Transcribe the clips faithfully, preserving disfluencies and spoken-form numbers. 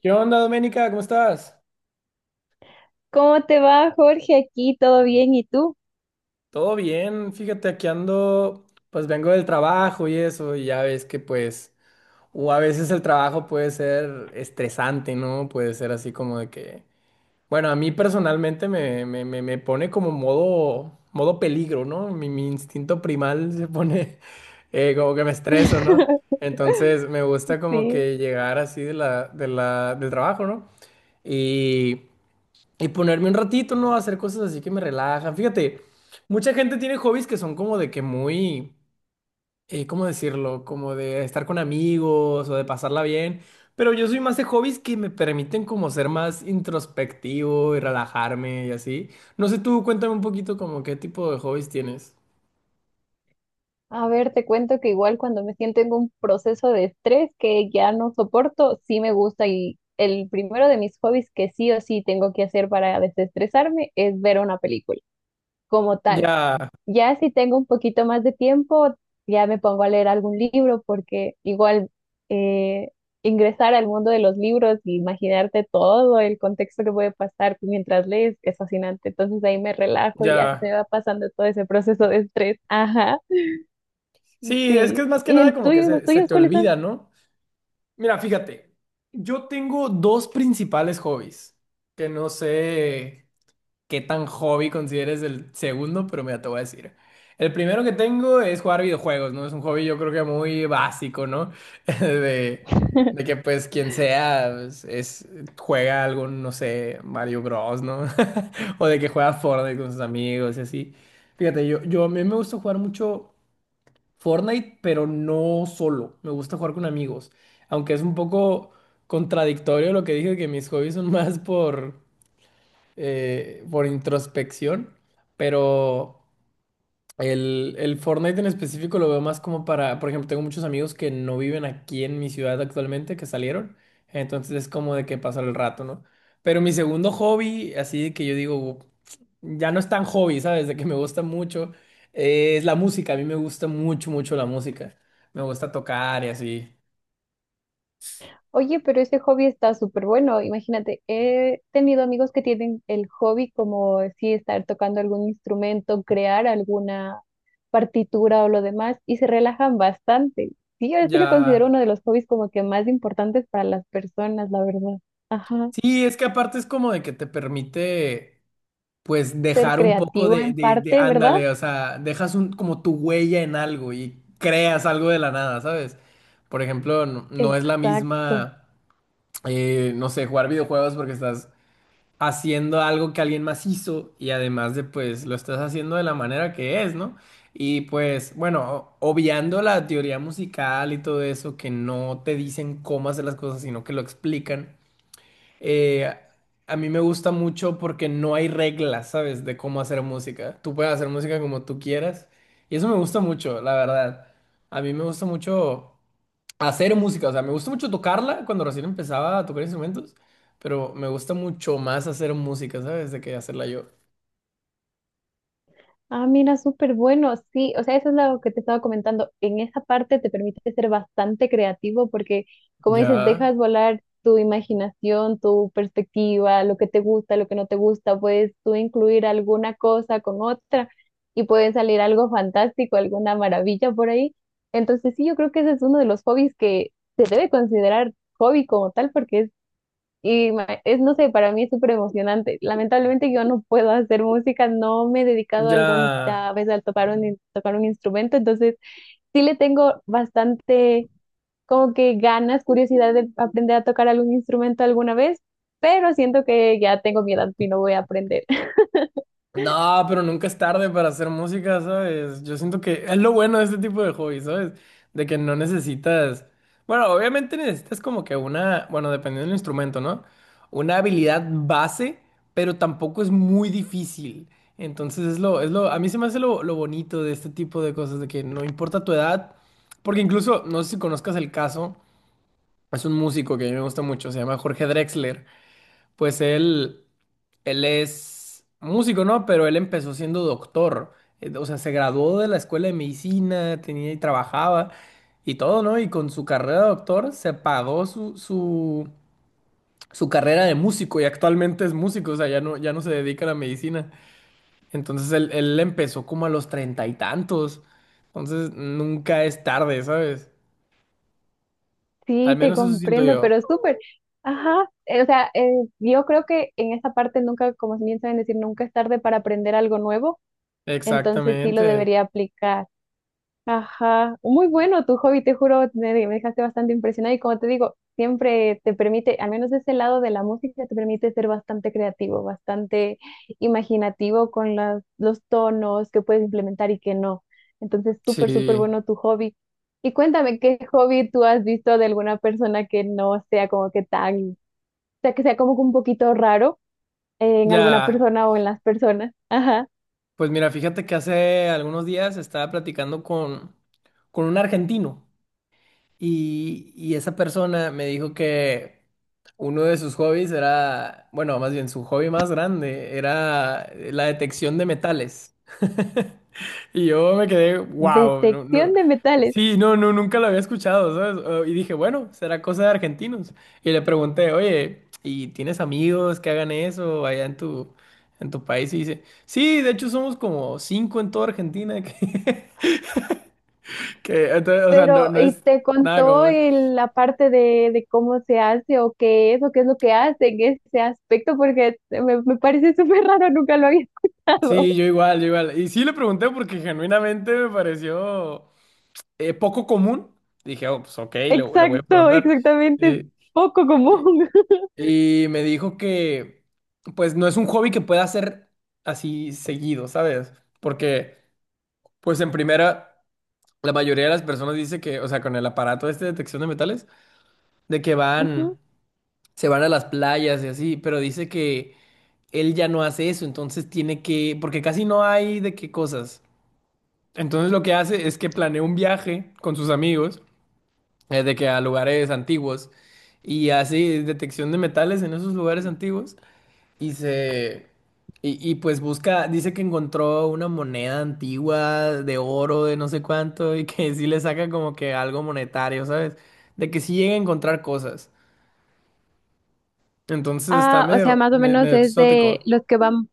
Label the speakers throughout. Speaker 1: ¿Qué onda, Doménica? ¿Cómo estás?
Speaker 2: ¿Cómo te va, Jorge? Aquí todo bien, ¿y tú?
Speaker 1: Todo bien, fíjate, aquí ando, pues vengo del trabajo y eso, y ya ves que pues, o a veces el trabajo puede ser estresante, ¿no? Puede ser así como de que, bueno, a mí personalmente me, me, me, me pone como modo, modo peligro, ¿no? Mi, mi instinto primal se pone eh, como que me estreso, ¿no? Entonces me gusta como
Speaker 2: Sí.
Speaker 1: que llegar así de la, de la, del trabajo, ¿no? Y Y ponerme un ratito, ¿no? A hacer cosas así que me relajan. Fíjate, mucha gente tiene hobbies que son como de que muy, eh, ¿cómo decirlo? Como de estar con amigos o de pasarla bien. Pero yo soy más de hobbies que me permiten como ser más introspectivo y relajarme y así. No sé, tú cuéntame un poquito como qué tipo de hobbies tienes.
Speaker 2: A ver, te cuento que igual cuando me siento en un proceso de estrés que ya no soporto, sí me gusta y el primero de mis hobbies que sí o sí tengo que hacer para desestresarme es ver una película como tal.
Speaker 1: Ya,
Speaker 2: Ya si tengo un poquito más de tiempo, ya me pongo a leer algún libro porque igual eh, ingresar al mundo de los libros e imaginarte todo el contexto que puede pasar mientras lees es fascinante. Entonces ahí me relajo y ya se
Speaker 1: ya.
Speaker 2: me va pasando todo ese proceso de estrés. Ajá.
Speaker 1: Sí, es que
Speaker 2: Sí.
Speaker 1: es más que
Speaker 2: ¿Y
Speaker 1: nada
Speaker 2: el
Speaker 1: como que
Speaker 2: tuyo? ¿Y los
Speaker 1: se, se
Speaker 2: tuyos
Speaker 1: te
Speaker 2: cuáles son?
Speaker 1: olvida, ¿no? Mira, fíjate, yo tengo dos principales hobbies que no sé qué tan hobby consideres el segundo, pero mira, te voy a decir. El primero que tengo es jugar videojuegos, ¿no? Es un hobby yo creo que muy básico, ¿no? De, de que pues quien sea pues, es, juega algún, no sé, Mario Bros, ¿no? O de que juega Fortnite con sus amigos y así. Fíjate, yo, yo a mí me gusta jugar mucho Fortnite, pero no solo. Me gusta jugar con amigos. Aunque es un poco contradictorio lo que dije, que mis hobbies son más por eh, por introspección, pero el, el Fortnite en específico lo veo más como para, por ejemplo, tengo muchos amigos que no viven aquí en mi ciudad actualmente, que salieron, entonces es como de que pasar el rato, ¿no? Pero mi segundo hobby, así que yo digo, ya no es tan hobby, ¿sabes? De que me gusta mucho, eh, es la música, a mí me gusta mucho, mucho la música, me gusta tocar y así,
Speaker 2: Oye, pero ese hobby está súper bueno. Imagínate, he tenido amigos que tienen el hobby como sí estar tocando algún instrumento, crear alguna partitura o lo demás y se relajan bastante. Sí, yo sí lo considero
Speaker 1: ya.
Speaker 2: uno de los hobbies como que más importantes para las personas, la verdad. Ajá,
Speaker 1: Sí, es que aparte es como de que te permite pues
Speaker 2: ser
Speaker 1: dejar un poco
Speaker 2: creativo
Speaker 1: de,
Speaker 2: en
Speaker 1: de, de-
Speaker 2: parte, ¿verdad?
Speaker 1: ándale, o sea, dejas un, como tu huella en algo y creas algo de la nada, ¿sabes? Por ejemplo, no, no es la
Speaker 2: Exacto.
Speaker 1: misma, eh, no sé, jugar videojuegos porque estás haciendo algo que alguien más hizo y además de, pues, lo estás haciendo de la manera que es, ¿no? Y pues, bueno, o- obviando la teoría musical y todo eso, que no te dicen cómo hacer las cosas, sino que lo explican eh, a mí me gusta mucho porque no hay reglas, ¿sabes? De cómo hacer música. Tú puedes hacer música como tú quieras. Y eso me gusta mucho, la verdad. A mí me gusta mucho hacer música. O sea, me gusta mucho tocarla cuando recién empezaba a tocar instrumentos. Pero me gusta mucho más hacer música, ¿sabes? De que hacerla yo.
Speaker 2: Ah, mira, súper bueno, sí, o sea, eso es lo que te estaba comentando. En esa parte te permite ser bastante creativo porque, como dices,
Speaker 1: Ya,
Speaker 2: dejas volar tu imaginación, tu perspectiva, lo que te gusta, lo que no te gusta, puedes tú incluir alguna cosa con otra y puede salir algo fantástico, alguna maravilla por ahí. Entonces, sí, yo creo que ese es uno de los hobbies que se debe considerar hobby como tal porque y ma- es, no sé, para mí es súper emocionante. Lamentablemente yo no puedo hacer música, no me he dedicado
Speaker 1: ya.
Speaker 2: alguna vez a tocar un, in- tocar un instrumento, entonces sí le tengo bastante como que ganas, curiosidad de aprender a tocar algún instrumento alguna vez, pero siento que ya tengo mi edad y no voy a aprender.
Speaker 1: No, pero nunca es tarde para hacer música, ¿sabes? Yo siento que es lo bueno de este tipo de hobby, ¿sabes? De que no necesitas, bueno, obviamente necesitas como que una, bueno, dependiendo del instrumento, ¿no? Una habilidad base, pero tampoco es muy difícil. Entonces es lo, es lo, a mí se me hace lo, lo bonito de este tipo de cosas, de que no importa tu edad, porque incluso, no sé si conozcas el caso, es un músico que a mí me gusta mucho, se llama Jorge Drexler. Pues él, él es músico, ¿no? Pero él empezó siendo doctor. Eh, O sea, se graduó de la escuela de medicina, tenía y trabajaba y todo, ¿no? Y con su carrera de doctor se pagó su, su, su carrera de músico y actualmente es músico, o sea, ya no, ya no se dedica a la medicina. Entonces él, él empezó como a los treinta y tantos. Entonces nunca es tarde, ¿sabes? Al
Speaker 2: Sí, te
Speaker 1: menos eso siento
Speaker 2: comprendo,
Speaker 1: yo.
Speaker 2: pero súper. Ajá, eh, o sea, eh, yo creo que en esta parte nunca, como bien saben decir, nunca es tarde para aprender algo nuevo, entonces sí lo
Speaker 1: Exactamente.
Speaker 2: debería aplicar. Ajá, muy bueno tu hobby, te juro, me, me dejaste bastante impresionada y como te digo, siempre te permite, al menos de ese lado de la música, te permite ser bastante creativo, bastante imaginativo con las, los tonos que puedes implementar y que no. Entonces, súper, súper
Speaker 1: Sí.
Speaker 2: bueno tu hobby. Y cuéntame, ¿qué hobby tú has visto de alguna persona que no sea como que tan, o sea, que sea como que un poquito raro en alguna
Speaker 1: Ya.
Speaker 2: persona o en las personas? Ajá,
Speaker 1: Pues mira, fíjate que hace algunos días estaba platicando con, con un argentino y, y esa persona me dijo que uno de sus hobbies era, bueno, más bien su hobby más grande era la detección de metales. Y yo me quedé, wow, no, no.
Speaker 2: detección de metales.
Speaker 1: Sí, no, no, nunca lo había escuchado, ¿sabes? Eh, Y dije, bueno, será cosa de argentinos. Y le pregunté, oye, ¿y tienes amigos que hagan eso allá en tu, en tu país? Y dice, sí, de hecho somos como cinco en toda Argentina. Que, que, entonces, o sea, no,
Speaker 2: Pero
Speaker 1: no
Speaker 2: ¿y
Speaker 1: es
Speaker 2: te
Speaker 1: nada
Speaker 2: contó
Speaker 1: común.
Speaker 2: el- la parte de, de cómo se hace o qué es o qué es lo que hace en ese aspecto? Porque me, me parece súper raro, nunca lo había escuchado.
Speaker 1: Sí, yo igual, yo igual. Y sí le pregunté porque genuinamente me pareció eh, poco común. Dije, oh, pues ok, le, le voy a
Speaker 2: Exacto,
Speaker 1: preguntar.
Speaker 2: exactamente, es
Speaker 1: Sí.
Speaker 2: poco común.
Speaker 1: Y me dijo que, pues, no es un hobby que pueda hacer así seguido, ¿sabes? Porque, pues, en primera, la mayoría de las personas dice que, o sea, con el aparato este de detección de metales, de que van,
Speaker 2: Ujú.
Speaker 1: se van a las playas y así, pero dice que él ya no hace eso, entonces tiene que, porque casi no hay de qué cosas. Entonces lo que hace es que planea un viaje con sus amigos, eh, de que a lugares antiguos, y hace detección de metales en esos lugares antiguos. Y se... Y, y pues busca, dice que encontró una moneda antigua de oro, de no sé cuánto, y que sí le saca como que algo monetario, ¿sabes? De que sí llega a encontrar cosas. Entonces está
Speaker 2: Ah, o sea,
Speaker 1: medio,
Speaker 2: más o
Speaker 1: me-
Speaker 2: menos
Speaker 1: medio
Speaker 2: es de
Speaker 1: exótico.
Speaker 2: los que van,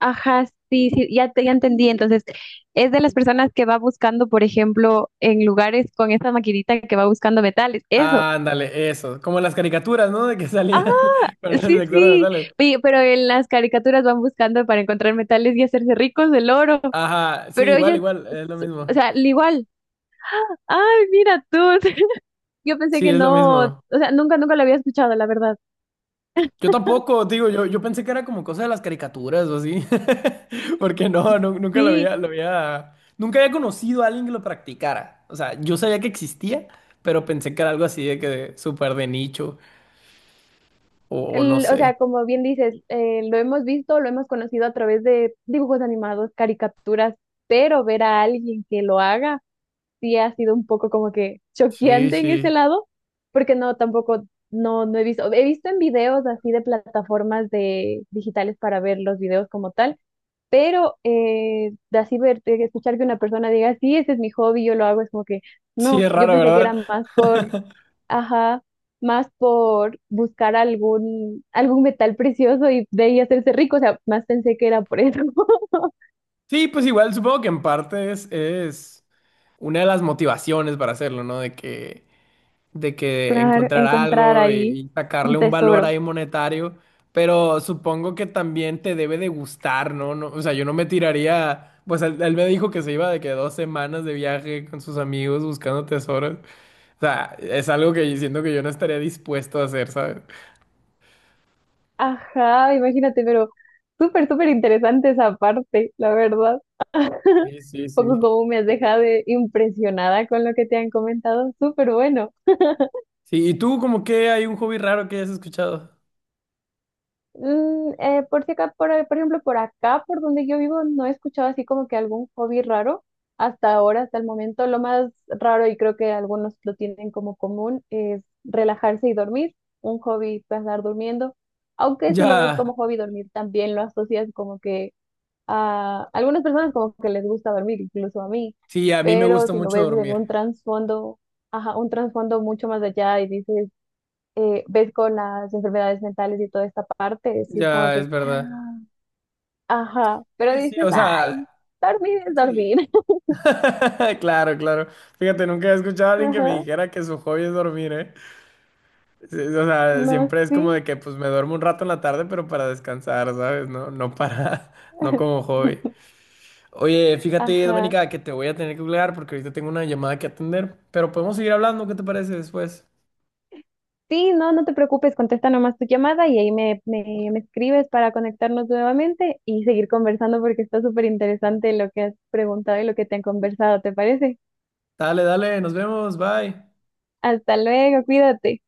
Speaker 2: ajá, sí, sí, ya te, ya entendí. Entonces, es de las personas que va buscando, por ejemplo, en lugares con esta maquinita que va buscando metales. Eso.
Speaker 1: Ándale, eso. Como las caricaturas, ¿no? De que salían con el
Speaker 2: Sí,
Speaker 1: detector de
Speaker 2: sí,
Speaker 1: metales.
Speaker 2: pe- pero en las caricaturas van buscando para encontrar metales y hacerse ricos del oro,
Speaker 1: Ajá, sí,
Speaker 2: pero
Speaker 1: igual,
Speaker 2: ellos,
Speaker 1: igual, es lo
Speaker 2: s- o
Speaker 1: mismo.
Speaker 2: sea, al igual. Ay, mira tú, yo pensé
Speaker 1: Sí,
Speaker 2: que
Speaker 1: es lo
Speaker 2: no, o
Speaker 1: mismo.
Speaker 2: sea, nunca, nunca lo había escuchado, la verdad.
Speaker 1: Yo tampoco, digo, yo, yo pensé que era como cosa de las caricaturas o así, porque no, nu- nunca lo
Speaker 2: Sí,
Speaker 1: había, lo había, nunca había conocido a alguien que lo practicara. O sea, yo sabía que existía, pero pensé que era algo así de que de- súper de nicho o, o no
Speaker 2: el- o
Speaker 1: sé.
Speaker 2: sea, como bien dices, eh, lo hemos visto, lo hemos conocido a través de dibujos animados, caricaturas, pero ver a alguien que lo haga, sí ha sido un poco como que
Speaker 1: Sí,
Speaker 2: choqueante en ese
Speaker 1: sí.
Speaker 2: lado, porque no, tampoco, no, no he visto, he visto en videos así de plataformas de digitales para ver los videos como tal, pero eh, de así ver, de escuchar que una persona diga, sí, ese es mi hobby, yo lo hago, es como que,
Speaker 1: Sí,
Speaker 2: no,
Speaker 1: es
Speaker 2: yo
Speaker 1: raro,
Speaker 2: pensé que era
Speaker 1: ¿verdad?
Speaker 2: más por, ajá, más por buscar algún, algún metal precioso y de ahí hacerse rico, o sea, más pensé que era por eso,
Speaker 1: Sí, pues igual supongo que en parte es, es una de las motivaciones para hacerlo, ¿no? De que de que
Speaker 2: claro,
Speaker 1: encontrar
Speaker 2: encontrar
Speaker 1: algo y,
Speaker 2: ahí
Speaker 1: y
Speaker 2: un
Speaker 1: sacarle un valor
Speaker 2: tesoro.
Speaker 1: ahí monetario, pero supongo que también te debe de gustar, ¿no? No, o sea, yo no me tiraría, pues él, él me dijo que se iba de que dos semanas de viaje con sus amigos buscando tesoros, o sea, es algo que siento que yo no estaría dispuesto a hacer, ¿sabes?
Speaker 2: Ajá, imagínate, pero súper, súper interesante esa parte, la verdad.
Speaker 1: Sí, sí, sí.
Speaker 2: Poco como me has dejado de- impresionada con lo que te han comentado, súper bueno.
Speaker 1: Sí, ¿y tú como que hay un hobby raro que hayas escuchado?
Speaker 2: Mm, eh, por si acá, por, por ejemplo, por acá, por donde yo vivo, no he escuchado así como que algún hobby raro hasta ahora, hasta el momento. Lo más raro, y creo que algunos lo tienen como común, es relajarse y dormir, un hobby pasar durmiendo. Aunque si lo ves
Speaker 1: Ya,
Speaker 2: como hobby dormir, también lo asocias como que a algunas personas como que les gusta dormir, incluso a mí,
Speaker 1: sí, a mí me
Speaker 2: pero
Speaker 1: gusta
Speaker 2: si lo
Speaker 1: mucho
Speaker 2: ves en un
Speaker 1: dormir,
Speaker 2: trasfondo, ajá, un trasfondo mucho más allá y dices, eh, ves con las enfermedades mentales y toda esta parte, sí es como
Speaker 1: ya,
Speaker 2: que,
Speaker 1: es verdad.
Speaker 2: ah, ajá, pero
Speaker 1: Sí, sí,
Speaker 2: dices,
Speaker 1: o
Speaker 2: ay,
Speaker 1: sea,
Speaker 2: dormir es dormir,
Speaker 1: sí. Claro, claro. Fíjate, nunca he escuchado a alguien que me
Speaker 2: ajá,
Speaker 1: dijera que su hobby es dormir, ¿eh? Sí, o sea,
Speaker 2: no,
Speaker 1: siempre es como
Speaker 2: sí,
Speaker 1: de que pues me duermo un rato en la tarde, pero para descansar, ¿sabes? No, no para, no como hobby. Oye, fíjate,
Speaker 2: ajá.
Speaker 1: Doménica, que te voy a tener que colgar porque ahorita tengo una llamada que atender, pero podemos seguir hablando, ¿qué te parece después?
Speaker 2: Sí, no, no te preocupes, contesta nomás tu llamada y ahí me, me, me escribes para conectarnos nuevamente y seguir conversando porque está súper interesante lo que has preguntado y lo que te han conversado, ¿te parece?
Speaker 1: Dale, dale, nos vemos, bye.
Speaker 2: Hasta luego, cuídate.